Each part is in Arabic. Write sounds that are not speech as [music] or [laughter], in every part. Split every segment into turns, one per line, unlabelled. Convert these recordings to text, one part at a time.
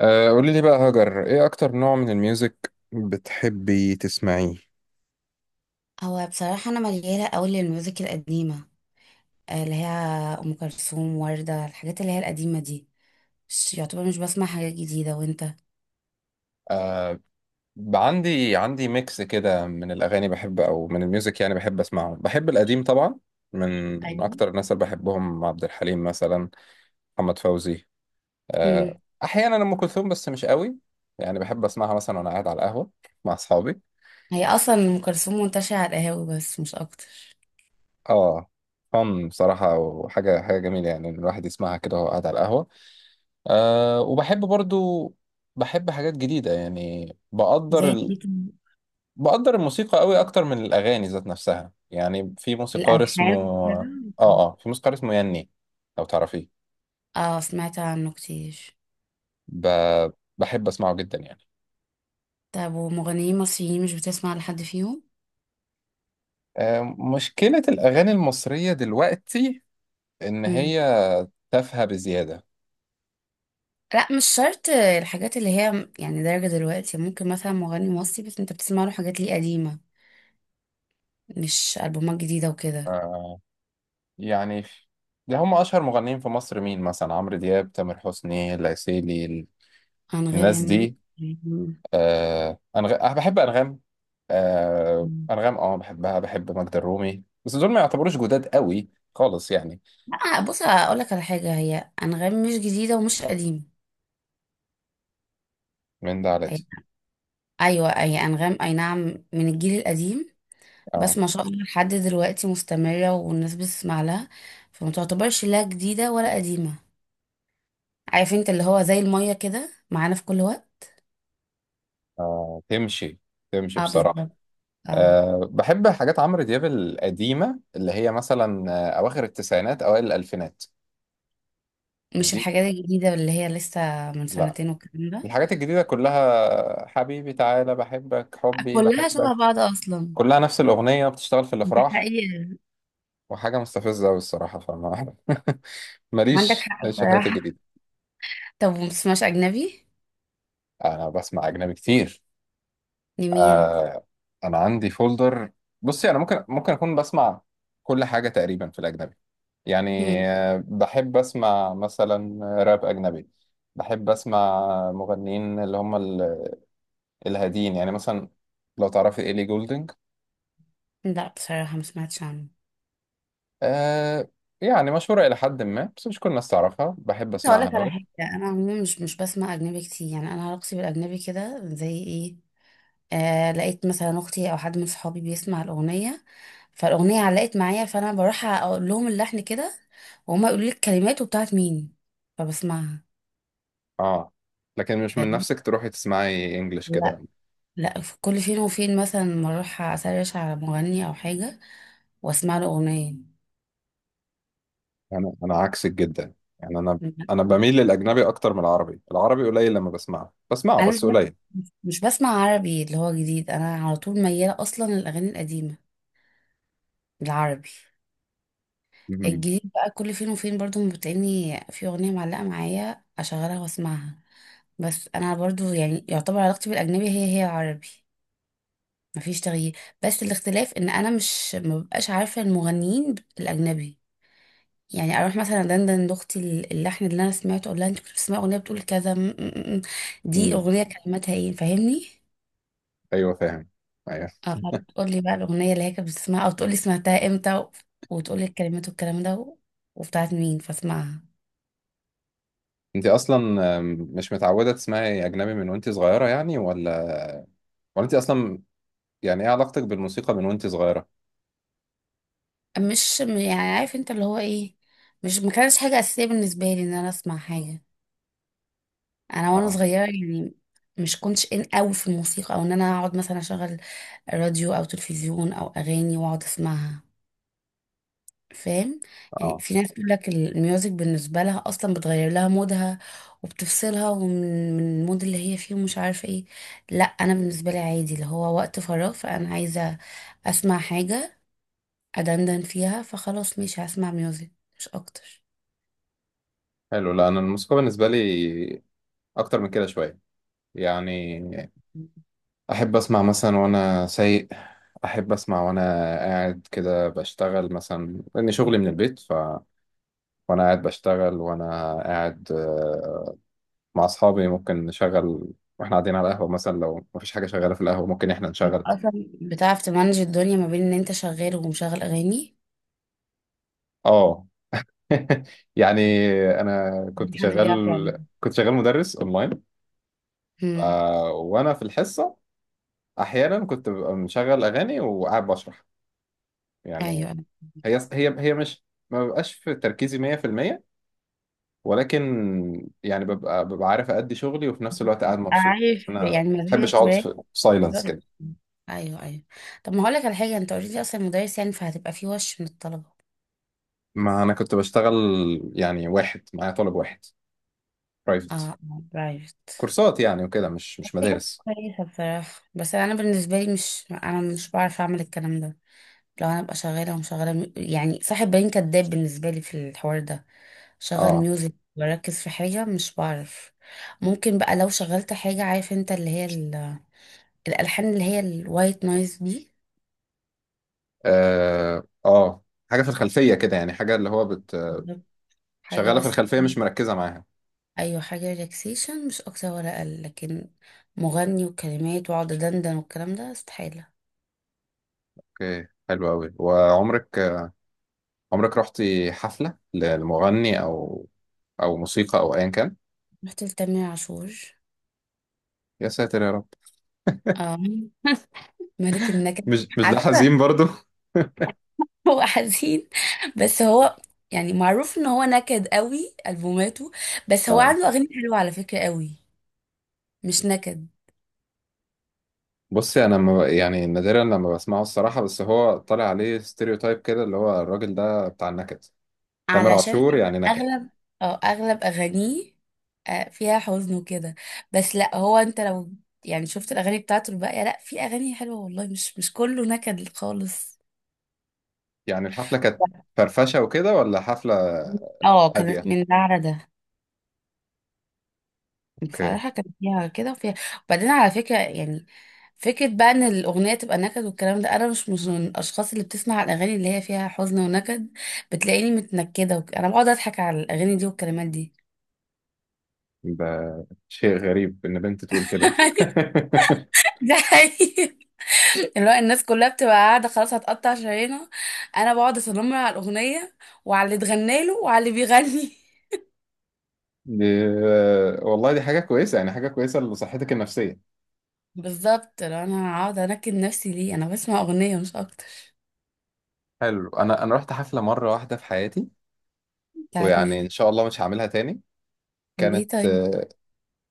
آه، قولي لي بقى هاجر، ايه اكتر نوع من الميوزك بتحبي تسمعيه؟
هو بصراحة أنا مليانة أوي للميوزك القديمة، آه، اللي هي أم كلثوم وردة الحاجات اللي هي القديمة دي. مش بسمع حاجات جديدة، وأنت؟
آه، عندي ميكس كده من الأغاني بحب، أو من الميوزك، يعني بحب أسمعه، بحب القديم طبعا. من من
ايوه.
أكتر الناس اللي بحبهم عبد الحليم مثلا، محمد فوزي.
مم.
آه أحيانا أم كلثوم، بس مش قوي. يعني بحب أسمعها مثلا وأنا قاعد على القهوة مع أصحابي.
هي أصلا أم كلثوم منتشرة على القهاوي، بس مش أكتر.
آه، فن بصراحة، وحاجة حاجة جميلة يعني، إن الواحد يسمعها كده وهو قاعد على القهوة. وبحب برضو، بحب حاجات جديدة يعني.
زي دي كان
بقدر الموسيقى قوي أكتر من الأغاني ذات نفسها، يعني في موسيقار اسمه.
الألحان
آه
كده.
في موسيقار اسمه يني، لو تعرفيه.
اه، سمعت عنه كتير.
ب... بحب أسمعه جدا يعني.
طب ومغنيين مصريين مش بتسمع لحد فيهم؟
أه مشكلة الأغاني المصرية دلوقتي إن
مم.
هي تافهة بزيادة.
لا، مش شرط الحاجات اللي هي يعني درجة دلوقتي. ممكن مثلا مغني مصري بس انت بتسمع له حاجات ليه قديمة، مش ألبومات جديدة وكده.
أه يعني ده هم أشهر مغنيين في مصر، مين مثلا؟ عمرو دياب، تامر حسني، العسيلي، الناس
أنغام.
دي. أنا بحب أنغام. آه
مم.
أنغام، بحبها، بحب ماجدة الرومي، بس دول ما يعتبروش جداد قوي خالص يعني.
لا بص أقول لك على حاجة، هي أنغام مش جديدة ومش قديمة.
من ده على ده.
هي، أيوة هي أنغام، أي نعم، من الجيل القديم.
أه
بس ما شاء الله لحد دلوقتي مستمرة والناس بتسمع لها، فما تعتبرش لا جديدة ولا قديمة. عارف انت اللي هو زي المية كده معانا في كل وقت.
آه تمشي
اه،
بصراحة.
بالظبط. اه.
بحب حاجات عمرو دياب القديمة، اللي هي مثلا أواخر التسعينات، أوائل الألفينات.
مش
دي،
الحاجات الجديدة اللي هي لسه من
لا،
سنتين والكلام ده.
الحاجات الجديدة كلها حبيبي تعالى بحبك حبي
كلها شبه
بحبك.
بعض أصلا.
كلها نفس الأغنية بتشتغل في
ده
الأفراح
حقيقي.
وحاجة مستفزة أوي الصراحة، فما [laughs]
عندك
ماليش
حق
ماليش في الحاجات
بصراحة.
الجديدة.
طب ومبتسمعش أجنبي؟
انا بسمع اجنبي كتير.
لمين؟
آه، انا عندي فولدر. بصي انا ممكن اكون بسمع كل حاجه تقريبا في الاجنبي يعني.
مم.
آه، بحب اسمع مثلا راب اجنبي، بحب اسمع مغنيين اللي هم الهاديين يعني، مثلا لو تعرفي ايلي جولدنج.
لا بصراحة ما سمعتش عنه.
آه، يعني مشهوره الى حد ما، بس مش كل الناس تعرفها، بحب
بس
اسمعها
هقولك على
قوي.
حاجة، أنا عموما مش بسمع أجنبي كتير. يعني أنا علاقتي بالأجنبي كده زي إيه، آه، لقيت مثلا أختي أو حد من صحابي بيسمع الأغنية، فالأغنية علقت معايا، فأنا بروح أقول لهم اللحن كده، وهما يقولوا لي الكلمات وبتاعت مين، فبسمعها.
اه، لكن مش من
فاهم.
نفسك تروحي تسمعي انجلش
لا.
كده؟
لا، في كل فين وفين مثلا ما أروح أسرش على مغني أو حاجة وأسمع له أغنية.
انا عكسك جدا، يعني انا بميل للاجنبي اكتر من العربي. العربي قليل، لما بسمعه، بسمعه
انا مش
بس
ب...
قليل.
مش بسمع عربي اللي هو جديد. انا على طول مياله اصلا للاغاني القديمه، العربي.
مهم.
الجديد بقى كل فين وفين برضو بتلاقيني في اغنيه معلقه معايا، اشغلها واسمعها. بس انا برضو يعني يعتبر علاقتي بالاجنبي هي هي العربي، مفيش تغيير. بس الاختلاف ان انا مش مبقاش عارفه المغنيين الاجنبي. يعني اروح مثلا دندن لاختي اللحن اللي انا سمعته، اقول لها انت كنت بتسمعي اغنيه بتقول كذا دي
مم.
اغنيه كلماتها ايه، فاهمني.
ايوه فاهم. ايوه.
اه تقولي بقى الأغنية اللي هي كانت بتسمعها، أو تقولي سمعتها امتى وتقولي الكلمات والكلام ده وبتاعت مين، فاسمعها.
انت اصلا مش متعوده تسمعي اجنبي من وانت صغيره يعني؟ ولا انت اصلا، يعني ايه علاقتك بالموسيقى من وانت صغيره؟
مش م- يعني عارف انت اللي هو ايه، مش ما كانش حاجة أساسية بالنسبة لي ان انا اسمع حاجة انا وانا
اه
صغيرة يعني. مش كنتش ان قوي في الموسيقى او ان انا اقعد مثلا اشغل راديو او تلفزيون او اغاني واقعد اسمعها. فاهم. يعني
اه.
في ناس تقول لك الميوزك بالنسبة لها أصلا بتغير لها مودها وبتفصلها ومن من المود اللي هي فيه ومش عارفة ايه. لا أنا بالنسبة لي عادي، اللي هو وقت فراغ فأنا عايزة أسمع حاجة أدندن فيها، فخلاص ماشي هسمع ميوزك، مش أكتر.
حلو، لا انا الموسيقى بالنسبه لي اكتر من كده شويه يعني. احب اسمع مثلا وانا سايق، احب اسمع وانا قاعد كده بشتغل مثلا، لان شغلي من البيت، وانا قاعد بشتغل وانا قاعد مع اصحابي ممكن نشغل. واحنا قاعدين على القهوه مثلا، لو مفيش حاجه شغاله في القهوه ممكن احنا نشغل.
أصلا بتعرف تمانج الدنيا ما بين إن أنت شغال ومشغل أغاني؟
اه. [laughs] يعني انا
في
كنت
حد بيعرف يعمل.
شغال كنت شغال مدرس اونلاين.
مم.
آه، وانا في الحصه احيانا كنت ببقى مشغل اغاني وقاعد بشرح يعني.
أيوة أنا
هي مش ما ببقاش في تركيزي 100%، ولكن يعني ببقى عارف ادي شغلي وفي نفس الوقت قاعد مبسوط، يعني
عارف
انا ما
يعني
بحبش
مزاجك
اقعد في سايلنس
رد.
كده.
ايوه ايوه. طب ما هقول لك على حاجه، انت اوريدي اصلا مدرس يعني فهتبقى في وش من الطلبه.
ما انا كنت بشتغل يعني واحد معايا، طالب واحد برايفت،
اه برايفت.
كورسات يعني وكده، مش
دي حاجه
مدارس.
كويسه بصراحه، بس انا بالنسبه لي مش بعرف اعمل الكلام ده. لو انا ابقى شغاله ومشغله يعني صاحب بالين كداب بالنسبه لي في الحوار ده. شغل
اه
ميوزك بركز في حاجه، مش بعرف. ممكن بقى لو شغلت حاجه عارف انت اللي هي الالحان اللي هي الوايت نويز دي.
اه اه، حاجه في الخلفيه كده يعني، حاجه اللي هو
بالظبط. حاجه
شغاله في
بس.
الخلفيه مش مركزه معاها.
ايوه حاجه ريلاكسيشن، مش اكتر ولا اقل. لكن مغني وكلمات واقعد دندن والكلام ده استحاله.
اوكي، حلو قوي. وعمرك رحتي حفله لمغني او موسيقى، او ايا كان؟
رحت لتامر عاشور.
يا ساتر يا رب.
اه. [laughs] ملك النكد.
مش ده
على فكره
حزين برضو؟ [laughs]
هو حزين، بس هو يعني معروف ان هو نكد قوي البوماته، بس هو
اه،
عنده اغاني حلوه على فكره قوي، مش نكد.
بصي انا ما يعني نادرا لما بسمعه الصراحه، بس هو طالع عليه ستيريو تايب كده اللي هو الراجل ده بتاع النكد. تامر
علشان
عاشور يعني
أغ-
نكد.
اغلب اه اغلب اغانيه آه، فيها حزن وكده، بس لا. هو انت لو يعني شفت الاغاني بتاعته الباقيه، لا في اغاني حلوه والله، مش مش كله نكد خالص.
يعني الحفلة كانت
[laughs]
فرفشة وكده ولا حفلة
اه كانت
هادية؟
من ده على ده.
اوكي.
بصراحه كان فيها كده وفيها. وبعدين على فكره يعني فكره بقى ان الاغنيه تبقى نكد والكلام ده، انا مش من الاشخاص اللي بتسمع الاغاني اللي هي فيها حزن ونكد. بتلاقيني متنكده انا بقعد اضحك على الاغاني دي والكلمات دي.
ده شيء غريب ان بنت تقول كده.
[laughs] ده حقيقي. اللي هو الناس كلها بتبقى قاعدة خلاص هتقطع شرايينها، أنا بقعد أصنم على الأغنية وعلى اللي اتغنى له وعلى اللي بيغني. [laughs]
[laughs] دي والله دي حاجة كويسة يعني، حاجة كويسة لصحتك النفسية.
بالظبط، لو أنا هقعد أنكد نفسي ليه؟ أنا بسمع أغنية مش أكتر.
حلو. انا رحت حفلة مرة واحدة في حياتي،
بتاعت
ويعني ان
مين؟
شاء الله مش هعملها تاني، كانت
ليه طيب؟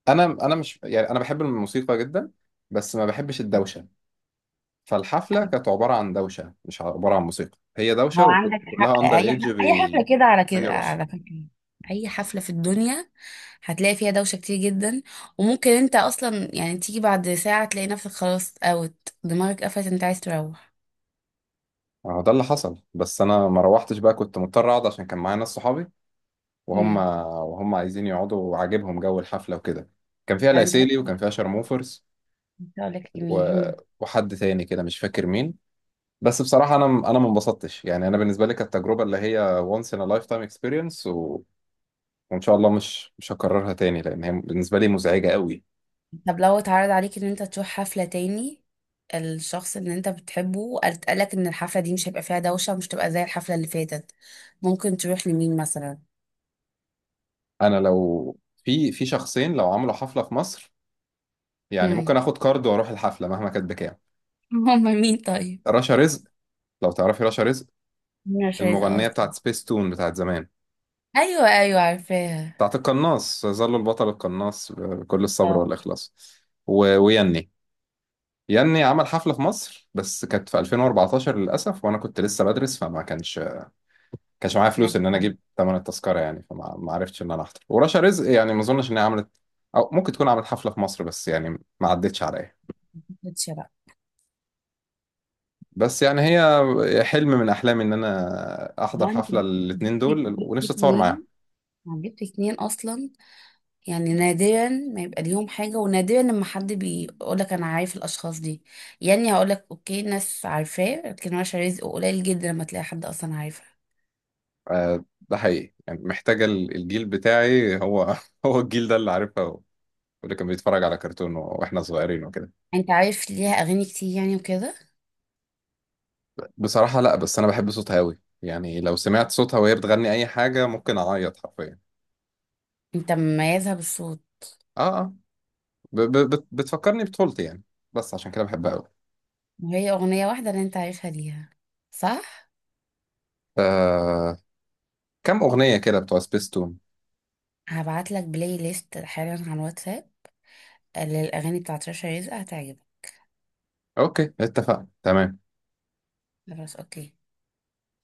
انا مش يعني، انا بحب الموسيقى جدا بس ما بحبش الدوشة. فالحفلة
أيوة.
كانت عبارة عن دوشة، مش عبارة عن موسيقى، هي
هو
دوشة
عندك حق،
وكلها اندر
أي
ايدج
أي حفلة
بي
كده على
من
كده،
راسهم.
على فكرة، أي حفلة في الدنيا هتلاقي فيها دوشة كتير جدا، وممكن أنت أصلا يعني تيجي بعد ساعة تلاقي نفسك خلاص أوت، دماغك قفلت، أنت عايز تروح.
هو ده اللي حصل، بس انا ما روحتش بقى، كنت مضطر اقعد عشان كان معايا ناس صحابي، وهم
مم.
وهم عايزين يقعدوا وعاجبهم جو الحفله وكده. كان فيها
طب أنت بقى
العسيلي وكان فيها شرموفرز،
كنت هقولك
و...
لمين.
وحد تاني كده مش فاكر مين. بس بصراحه انا ما انبسطتش يعني، انا بالنسبه لي كانت تجربه اللي هي once in a lifetime experience، وان شاء الله مش هكررها تاني لان هي بالنسبه لي مزعجه قوي.
طب لو اتعرض عليك ان انت تروح حفلة تاني، الشخص اللي انت بتحبه وقالك ان الحفلة دي مش هيبقى فيها دوشة ومش تبقى زي الحفلة اللي فاتت، ممكن تروح لمين مثلا؟
انا لو، في شخصين لو عملوا حفله في مصر يعني
هم.
ممكن اخد كارد واروح الحفله مهما كانت بكام.
[laughs] هم مين طيب؟
رشا رزق، لو تعرفي رشا رزق،
مين مش عايز
المغنية
اصلا؟
بتاعت سبيس تون بتاعت زمان.
ايوه ايوه عارفاها.
بتاعت القناص، يظل البطل القناص بكل الصبر
اه.
والإخلاص. ويني يني عمل حفلة في مصر، بس كانت في 2014 للأسف وأنا كنت لسه بدرس، فما كانش معايا
انا
فلوس إن أنا أجيب تمن التذكرة يعني، فما ما عرفتش إن أنا أحضر، ورشا رزق يعني ما أظنش إن هي عملت، أو ممكن تكون عملت حفلة في مصر بس يعني ما عدتش عليا.
ما كنتش بقى.
بس يعني هي حلم من أحلامي إن أنا أحضر
ما انت
حفلة
جبت،
الاتنين دول،
جبت
ونفسي أتصور معاهم.
اتنين، ما جبت اتنين اصلا. يعني نادرا ما يبقى ليهم حاجة، ونادرا لما حد بيقولك أنا عارف الأشخاص دي. يعني هقولك أوكي ناس عارفاه، لكن ورشة رزق قليل جدا لما تلاقي حد أصلا عارفها.
آه، ده حقيقي يعني، محتاجة الجيل بتاعي، هو. [laughs] هو الجيل ده اللي عارفها، هو واللي كان بيتفرج على كرتون واحنا صغيرين وكده.
أنت عارف ليها أغاني كتير يعني وكده؟
بصراحة لا، بس انا بحب صوتها قوي يعني، لو سمعت صوتها وهي بتغني اي حاجة ممكن اعيط حرفيا.
أنت مميزها بالصوت.
اه اه. بتفكرني بطفولتي يعني، بس عشان كده بحبها قوي.
وهي أغنية واحدة اللي أنت عارفها ليها، صح؟
آه، كم اغنية كده بتوع سبيستون.
هبعتلك بلاي ليست حالا على الواتساب للأغاني بتاعت رشا رزق، هتعجبك.
اوكي، اتفقنا تمام.
خلاص أوكي.